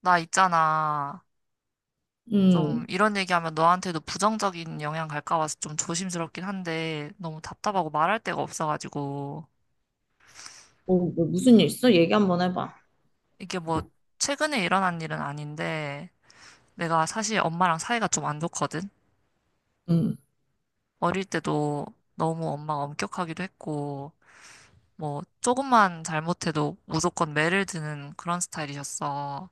나 있잖아. 좀 음, 이런 얘기하면 너한테도 부정적인 영향 갈까 봐서 좀 조심스럽긴 한데 너무 답답하고 말할 데가 없어가지고 어, 뭐 무슨 일 있어? 얘기 한번 해봐. 이게 뭐 최근에 일어난 일은 아닌데 내가 사실 엄마랑 사이가 좀 안 좋거든. 음, 어릴 때도 너무 엄마가 엄격하기도 했고 뭐 조금만 잘못해도 무조건 매를 드는 그런 스타일이셨어.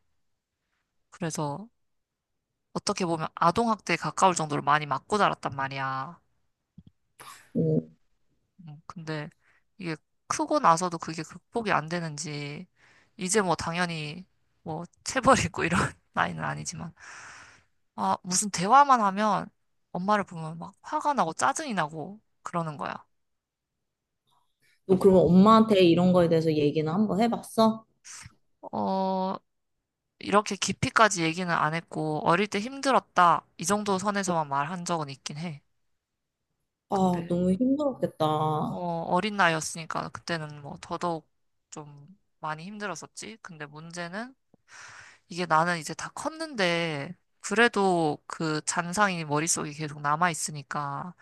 그래서 어떻게 보면 아동학대에 가까울 정도로 많이 맞고 자랐단 말이야. 어. 근데 이게 크고 나서도 그게 극복이 안 되는지, 이제 뭐 당연히 뭐 체벌이고 이런 나이는 아니지만, 무슨 대화만 하면 엄마를 보면 막 화가 나고 짜증이 나고 그러는 거야. 너 그러면 엄마한테 이런 거에 대해서 얘기는 한번 해봤어? 어, 이렇게 깊이까지 얘기는 안 했고, 어릴 때 힘들었다. 이 정도 선에서만 말한 적은 있긴 해. 아, 근데, 너무 힘들었겠다. 어, 어린 나이였으니까 그때는 뭐 더더욱 좀 많이 힘들었었지. 근데 문제는 이게 나는 이제 다 컸는데, 그래도 그 잔상이 머릿속에 계속 남아있으니까,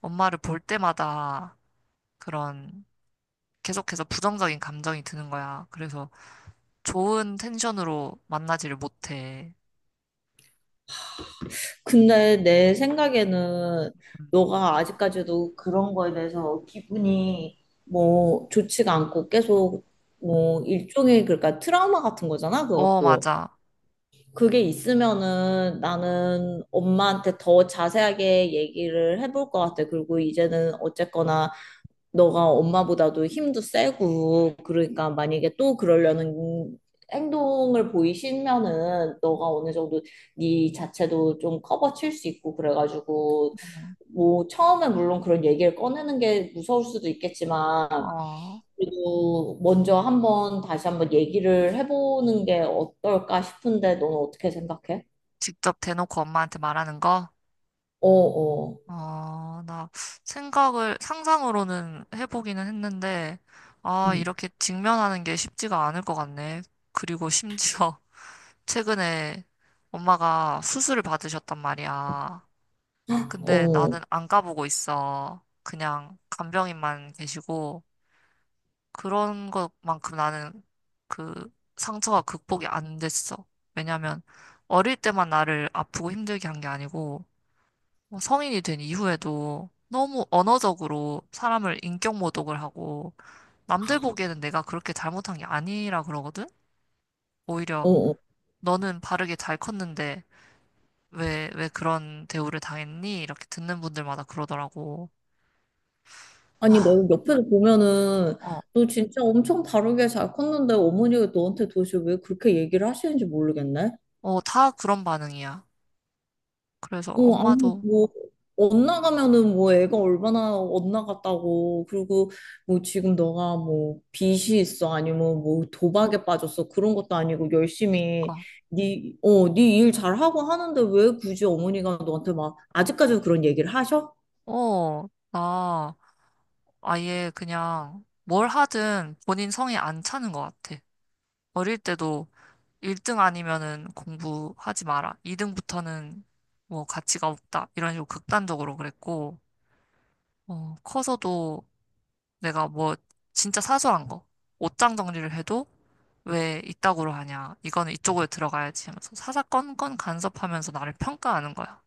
엄마를 볼 때마다 그런 계속해서 부정적인 감정이 드는 거야. 그래서 좋은 텐션으로 만나지를 못해. 근데 내 생각에는 음. 너가 아직까지도 그런 거에 대해서 기분이 뭐 좋지가 않고 계속 뭐 일종의 그러니까 트라우마 같은 거잖아, 어, 그것도. 맞아. 그게 있으면은 나는 엄마한테 더 자세하게 얘기를 해볼 것 같아. 그리고 이제는 어쨌거나 너가 엄마보다도 힘도 세고, 그러니까 만약에 또 그러려는 행동을 보이시면은 너가 어느 정도 네 자체도 좀 커버 칠 수 있고 그래가지고 음. 뭐 처음에 물론 그런 얘기를 꺼내는 게 무서울 수도 있겠지만 어, 그래도 먼저 한번 다시 한번 얘기를 해보는 게 어떨까 싶은데 너는 어떻게 생각해? 직접 대놓고 엄마한테 말하는 거? 어어. 어, 어, 나 생각을, 상상으로는 해보기는 했는데, 아, 음. 이렇게 직면하는 게 쉽지가 않을 것 같네. 그리고 심지어, 최근에 엄마가 수술을 받으셨단 말이야. 근데 어. 나는 안 가보고 있어. 그냥 간병인만 계시고 그런 것만큼 나는 그 상처가 극복이 안 됐어. 왜냐면 어릴 때만 나를 아프고 힘들게 한 게 아니고 뭐 성인이 된 이후에도 너무 언어적으로 사람을 인격 모독을 하고 남들 보기에는 내가 그렇게 잘못한 게 아니라 그러거든? 어, 오히려 어, 너는 바르게 잘 컸는데 왜 그런 대우를 당했니? 이렇게 듣는 분들마다 그러더라고. 아니, 내가 옆에서 보면은 어, 너 진짜 엄청 다르게 잘 컸는데 어머니가 너한테 도대체 왜 그렇게 얘기를 하시는지 모르겠네. 어, 다 그런 반응이야. 그래서 어, 아니, 엄마도, 뭐, 엇나가면은 뭐 애가 얼마나 엇나갔다고. 그리고 뭐 지금 너가 뭐 빚이 있어. 아니면 뭐 도박에 빠졌어. 그런 것도 아니고 열심히 그니까, 네, 어, 네 일 잘하고 하는데 왜 굳이 어머니가 너한테 막 아직까지도 그런 얘기를 하셔? 어, 나 아예 그냥 뭘 하든 본인 성에 안 차는 것 같아. 어릴 때도 1등 아니면은 공부하지 마라. 2등부터는 뭐 가치가 없다. 이런 식으로 극단적으로 그랬고, 커서도 내가 뭐 진짜 사소한 거 옷장 정리를 해도 왜 이따구로 하냐 이거는 이쪽으로 들어가야지 하면서 사사건건 간섭하면서 나를 평가하는 거야.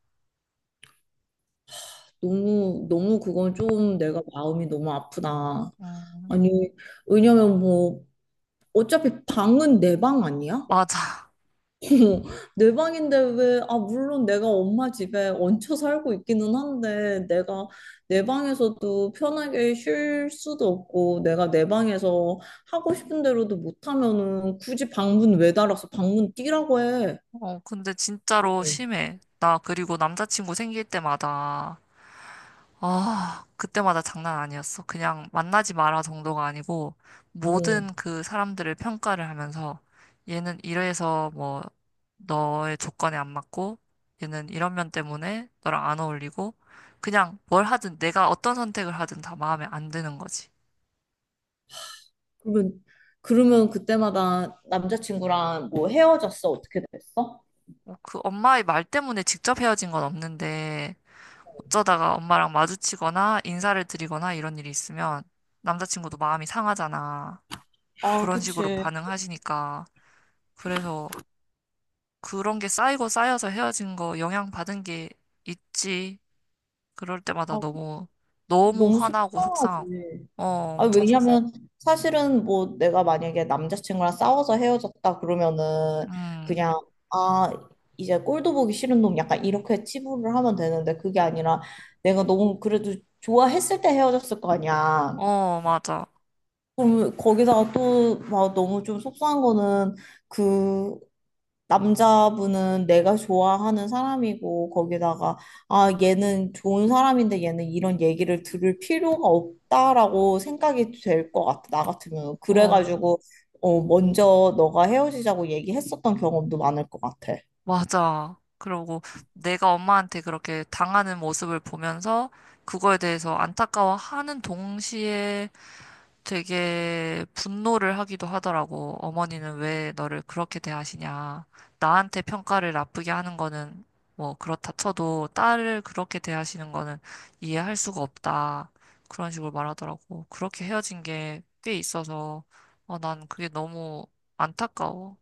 너무, 너무 그건 좀 내가 마음이 너무 아프다. 음, 아니, 왜냐면 뭐, 어차피 방은 내 방 아니야? 맞아. 내 방인데 왜, 아, 물론 내가 엄마 집에 얹혀 살고 있기는 한데, 내가 내 방에서도 편하게 쉴 수도 없고, 내가 내 방에서 하고 싶은 대로도 못하면은 굳이 방문 왜 달아서 방문 뛰라고 해. 어, 근데 진짜로 어, 심해. 나 그리고 남자친구 생길 때마다 그때마다 장난 아니었어. 그냥 만나지 마라 정도가 아니고 어. 모든 그 사람들을 평가를 하면서 얘는 이래서 뭐 너의 조건에 안 맞고 얘는 이런 면 때문에 너랑 안 어울리고 그냥 뭘 하든 내가 어떤 선택을 하든 다 마음에 안 드는 거지. 그러면, 그러면 그때마다 남자친구랑 뭐 헤어졌어? 어떻게 됐어? 뭐그 엄마의 말 때문에 직접 헤어진 건 없는데 어쩌다가 엄마랑 마주치거나 인사를 드리거나 이런 일이 있으면 남자친구도 마음이 상하잖아. 아, 그런 식으로 그치. 반응하시니까 그래서 그런 게 쌓이고 쌓여서 헤어진 거 영향 받은 게 있지. 그럴 때마다 아, 너무, 너무 너무 화나고 속상하지. 속상하고. 어, 아, 엄청 속상. 왜냐면 사실은 뭐 내가 만약에 남자친구랑 싸워서 헤어졌다 그러면은 음, 그냥 아, 이제 꼴도 보기 싫은 놈 약간 이렇게 치부를 하면 되는데 그게 아니라 내가 너무 그래도 좋아했을 때 헤어졌을 거 아니야. 어, 맞아. 그럼 거기다가 또 막 너무 좀 속상한 거는 그 남자분은 내가 좋아하는 사람이고 거기다가 아 얘는 좋은 사람인데 얘는 이런 얘기를 들을 필요가 없다라고 생각이 될 것 같아 나 같으면 어, 그래가지고 어 먼저 너가 헤어지자고 얘기했었던 경험도 많을 것 같아. 맞아. 그러고 내가 엄마한테 그렇게 당하는 모습을 보면서 그거에 대해서 안타까워하는 동시에 되게 분노를 하기도 하더라고. 어머니는 왜 너를 그렇게 대하시냐. 나한테 평가를 나쁘게 하는 거는 뭐 그렇다 쳐도 딸을 그렇게 대하시는 거는 이해할 수가 없다. 그런 식으로 말하더라고. 그렇게 헤어진 게 꽤 있어서 어, 난 그게 너무 안타까워.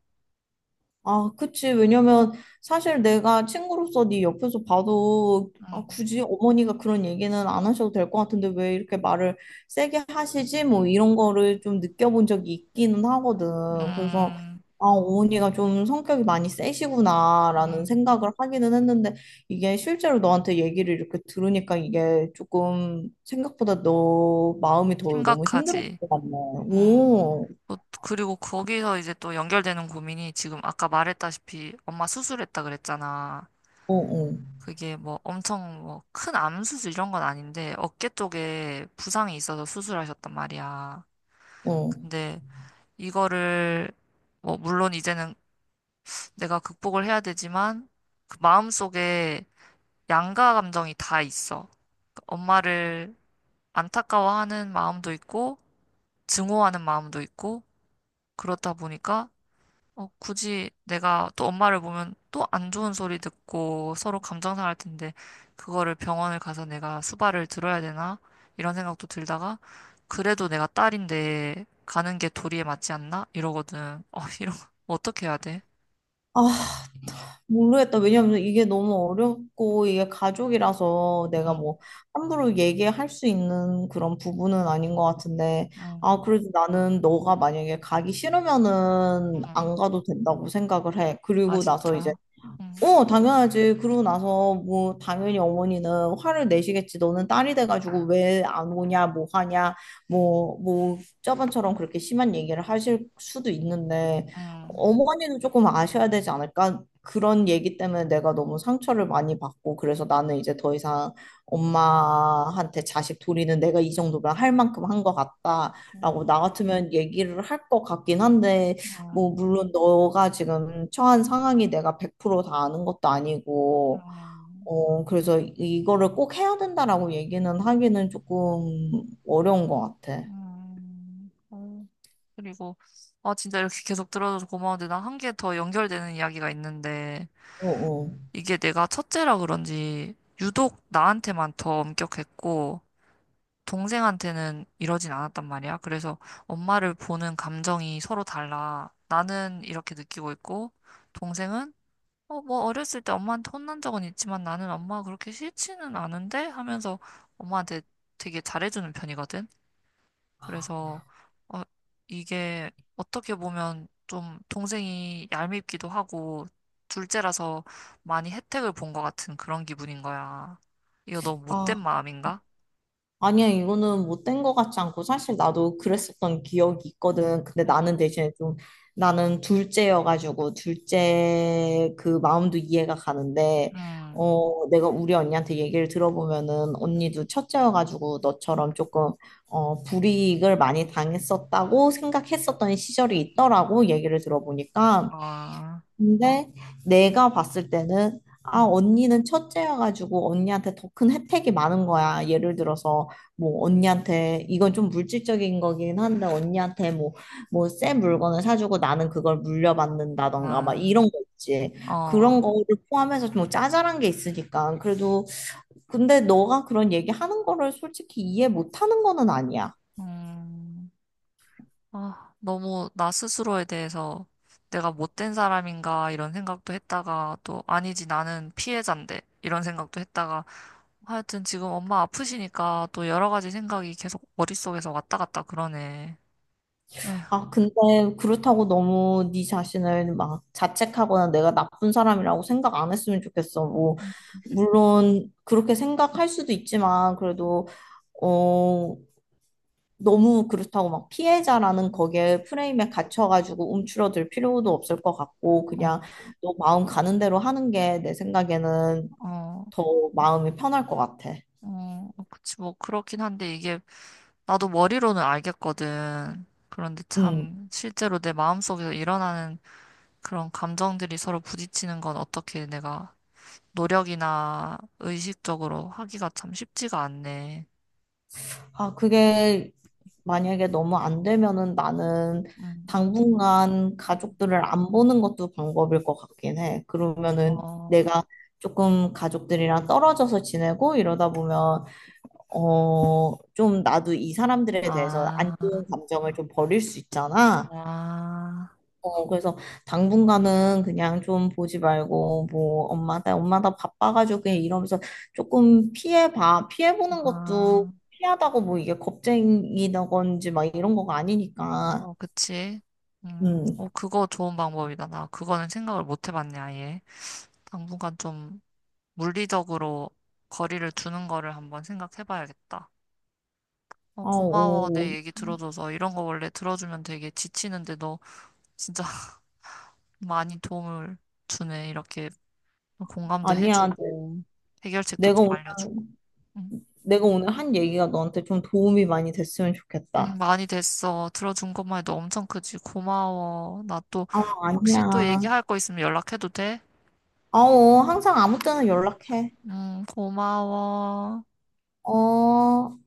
아, 그치. 왜냐면 사실 내가 친구로서 네 옆에서 봐도 아, 음, 굳이 어머니가 그런 얘기는 안 하셔도 될 것 같은데 왜 이렇게 말을 세게 하시지? 뭐 이런 거를 좀 느껴본 적이 있기는 하거든. 그래서 음, 아, 어머니가 좀 성격이 많이 세시구나라는 음, 생각을 하기는 했는데 이게 실제로 너한테 얘기를 이렇게 들으니까 이게 조금 생각보다 너 마음이 더 너무 힘들었을 심각하지. 것 같네. 음. 오, 또 그리고 거기서 이제 또 연결되는 고민이 지금 아까 말했다시피 엄마 수술했다 그랬잖아. 어, 어, 그게 뭐 엄청 뭐 큰 암수술 이런 건 아닌데 어깨 쪽에 부상이 있어서 수술하셨단 말이야. 어. 근데 이거를 뭐 물론 이제는 내가 극복을 해야 되지만 그 마음속에 양가 감정이 다 있어. 그 엄마를 안타까워하는 마음도 있고 증오하는 마음도 있고 그렇다 보니까 굳이 내가 또 엄마를 보면 또 안 좋은 소리 듣고 서로 감정 상할 텐데 그거를 병원을 가서 내가 수발을 들어야 되나? 이런 생각도 들다가 그래도 내가 딸인데 가는 게 도리에 맞지 않나? 이러거든. 어, 이런 거 어떻게 해야 돼? 아, 모르겠다. 왜냐면 이게 너무 어렵고 이게 가족이라서 내가 응, 뭐 함부로 얘기할 수 있는 그런 부분은 아닌 것 같은데 아 응, 그래도 나는 너가 만약에 가기 싫으면은 안 응. 가도 된다고 생각을 해. 아, 그리고 나서 이제 진짜. 응, 어, 당연하지. 그러고 나서 뭐 당연히 어머니는 화를 내시겠지. 너는 딸이 돼가지고 왜 안 오냐, 뭐 하냐, 뭐, 뭐 저번처럼 그렇게 심한 얘기를 하실 수도 있는데 응, 어머니는 조금 아셔야 되지 않을까? 그런 얘기 때문에 내가 너무 상처를 많이 받고 그래서 나는 이제 더 이상 엄마한테 자식 도리는 내가 이 정도면 할 만큼 한 것 응, 같다라고 나 같으면 얘기를 할 것 같긴 한데 뭐, 응, 물론 너가 지금 처한 상황이 내가 100%다 아는 것도 아니고, 응, 어, 그래서 이거를 꼭 해야 된다라고 얘기는 하기는 조금 어려운 것 같아. 응. 그리고 아, 진짜 이렇게 계속 들어줘서 고마운데 나 한 개 더 연결되는 이야기가 있는데 어, 어. 이게 내가 첫째라 그런지 유독 나한테만 더 엄격했고 동생한테는 이러진 않았단 말이야. 그래서 엄마를 보는 감정이 서로 달라. 나는 이렇게 느끼고 있고 동생은 어, 뭐 어렸을 때 엄마한테 혼난 적은 있지만 나는 엄마가 그렇게 싫지는 않은데 하면서 엄마한테 되게 잘해주는 편이거든. 그래서 어, 이게 어떻게 보면 좀 동생이 얄밉기도 하고 둘째라서 많이 혜택을 본 것 같은 그런 기분인 거야. 이거 너무 못된 아. 마음인가? 아니야, 이거는 못된 것 같지 않고, 사실 나도 그랬었던 기억이 있거든. 근데 응, 나는 대신에 좀, 나는 둘째여가지고, 둘째 그 마음도 이해가 가는데, 응, 어, 내가 우리 언니한테 얘기를 들어보면은, 응. 언니도 첫째여가지고, 응. 너처럼 조금, 어, 불이익을 많이 당했었다고 생각했었던 시절이 있더라고, 얘기를 들어보니까. 아, 근데 내가 봤을 때는 아 응, 언니는 첫째여가지고 언니한테 더 큰 혜택이 많은 거야. 예를 들어서 뭐 언니한테 이건 좀 물질적인 거긴 한데 언니한테 뭐뭐새 물건을 사주고 나는 그걸 물려받는다던가 막 아, 이런 거 있지. 그런 어, 거를 포함해서 좀 짜잘한 게 있으니까 그래도 근데 너가 그런 얘기 하는 거를 솔직히 이해 못 하는 거는 아니야. 음, 아, 너무 나 스스로에 대해서 내가 못된 사람인가 이런 생각도 했다가 또 아니지 나는 피해자인데 이런 생각도 했다가 하여튼 지금 엄마 아프시니까 또 여러 가지 생각이 계속 머릿속에서 왔다 갔다 그러네. 에휴, 아, 근데 그렇다고 너무 네 자신을 막 자책하거나 내가 나쁜 사람이라고 생각 안 했으면 좋겠어. 뭐, 음. 물론 그렇게 생각할 수도 있지만 그래도 어 너무 그렇다고 막 피해자라는 거기에 프레임에 갇혀가지고 움츠러들 필요도 없을 것 같고 어, 그냥 너 마음 가는 대로 하는 게 내 생각에는 어, 더 마음이 편할 것 같아. 어, 그치, 뭐, 그렇긴 한데 이게 나도 머리로는 알겠거든. 그런데 음. 참 실제로 내 마음속에서 일어나는 그런 감정들이 서로 부딪히는 건 어떻게 내가 노력이나 의식적으로 하기가 참 쉽지가 않네. 아, 그게 만약에 너무 안 되면은 나는 음, 당분간 음. 가족들을 안 보는 것도 방법일 것 같긴 해. 그러면은 어, 내가 조금 가족들이랑 떨어져서 지내고 이러다 보면, 어, 좀 나도 이 사람들에 대해서 안 아, 좋은 감정을 좀 버릴 수 있잖아. 아, 어, 그래서 당분간은 그냥 좀 보지 말고, 뭐, 엄마 나 바빠가지고 그냥 이러면서 조금 피해봐. 피해보는 것도 아. 피하다고 뭐 이게 겁쟁이다건지 막 이런 거가 아니니까. 어, 그치. 어, 음. 그거 좋은 방법이다. 나 그거는 생각을 못 해봤네, 아예. 당분간 좀 물리적으로 거리를 두는 거를 한번 생각해봐야겠다. 어, 아, 고마워. 내 오, 얘기 들어줘서. 이런 거 원래 들어주면 되게 지치는데 너 진짜 많이 도움을 주네. 이렇게 공감도 아니야. 해주고, 해결책도 내가, 좀 오- 알려주고. 응, 내가 오늘 한 얘기가 너한테 좀 도움이 많이 됐으면 응, 좋겠다. 많이 됐어. 들어준 것만 해도 엄청 크지. 고마워. 나 또 아, 혹시 아니야. 또 얘기할 거 있으면 연락해도 돼? 아우, 항상 아무 때나 연락해. 고마워. 어.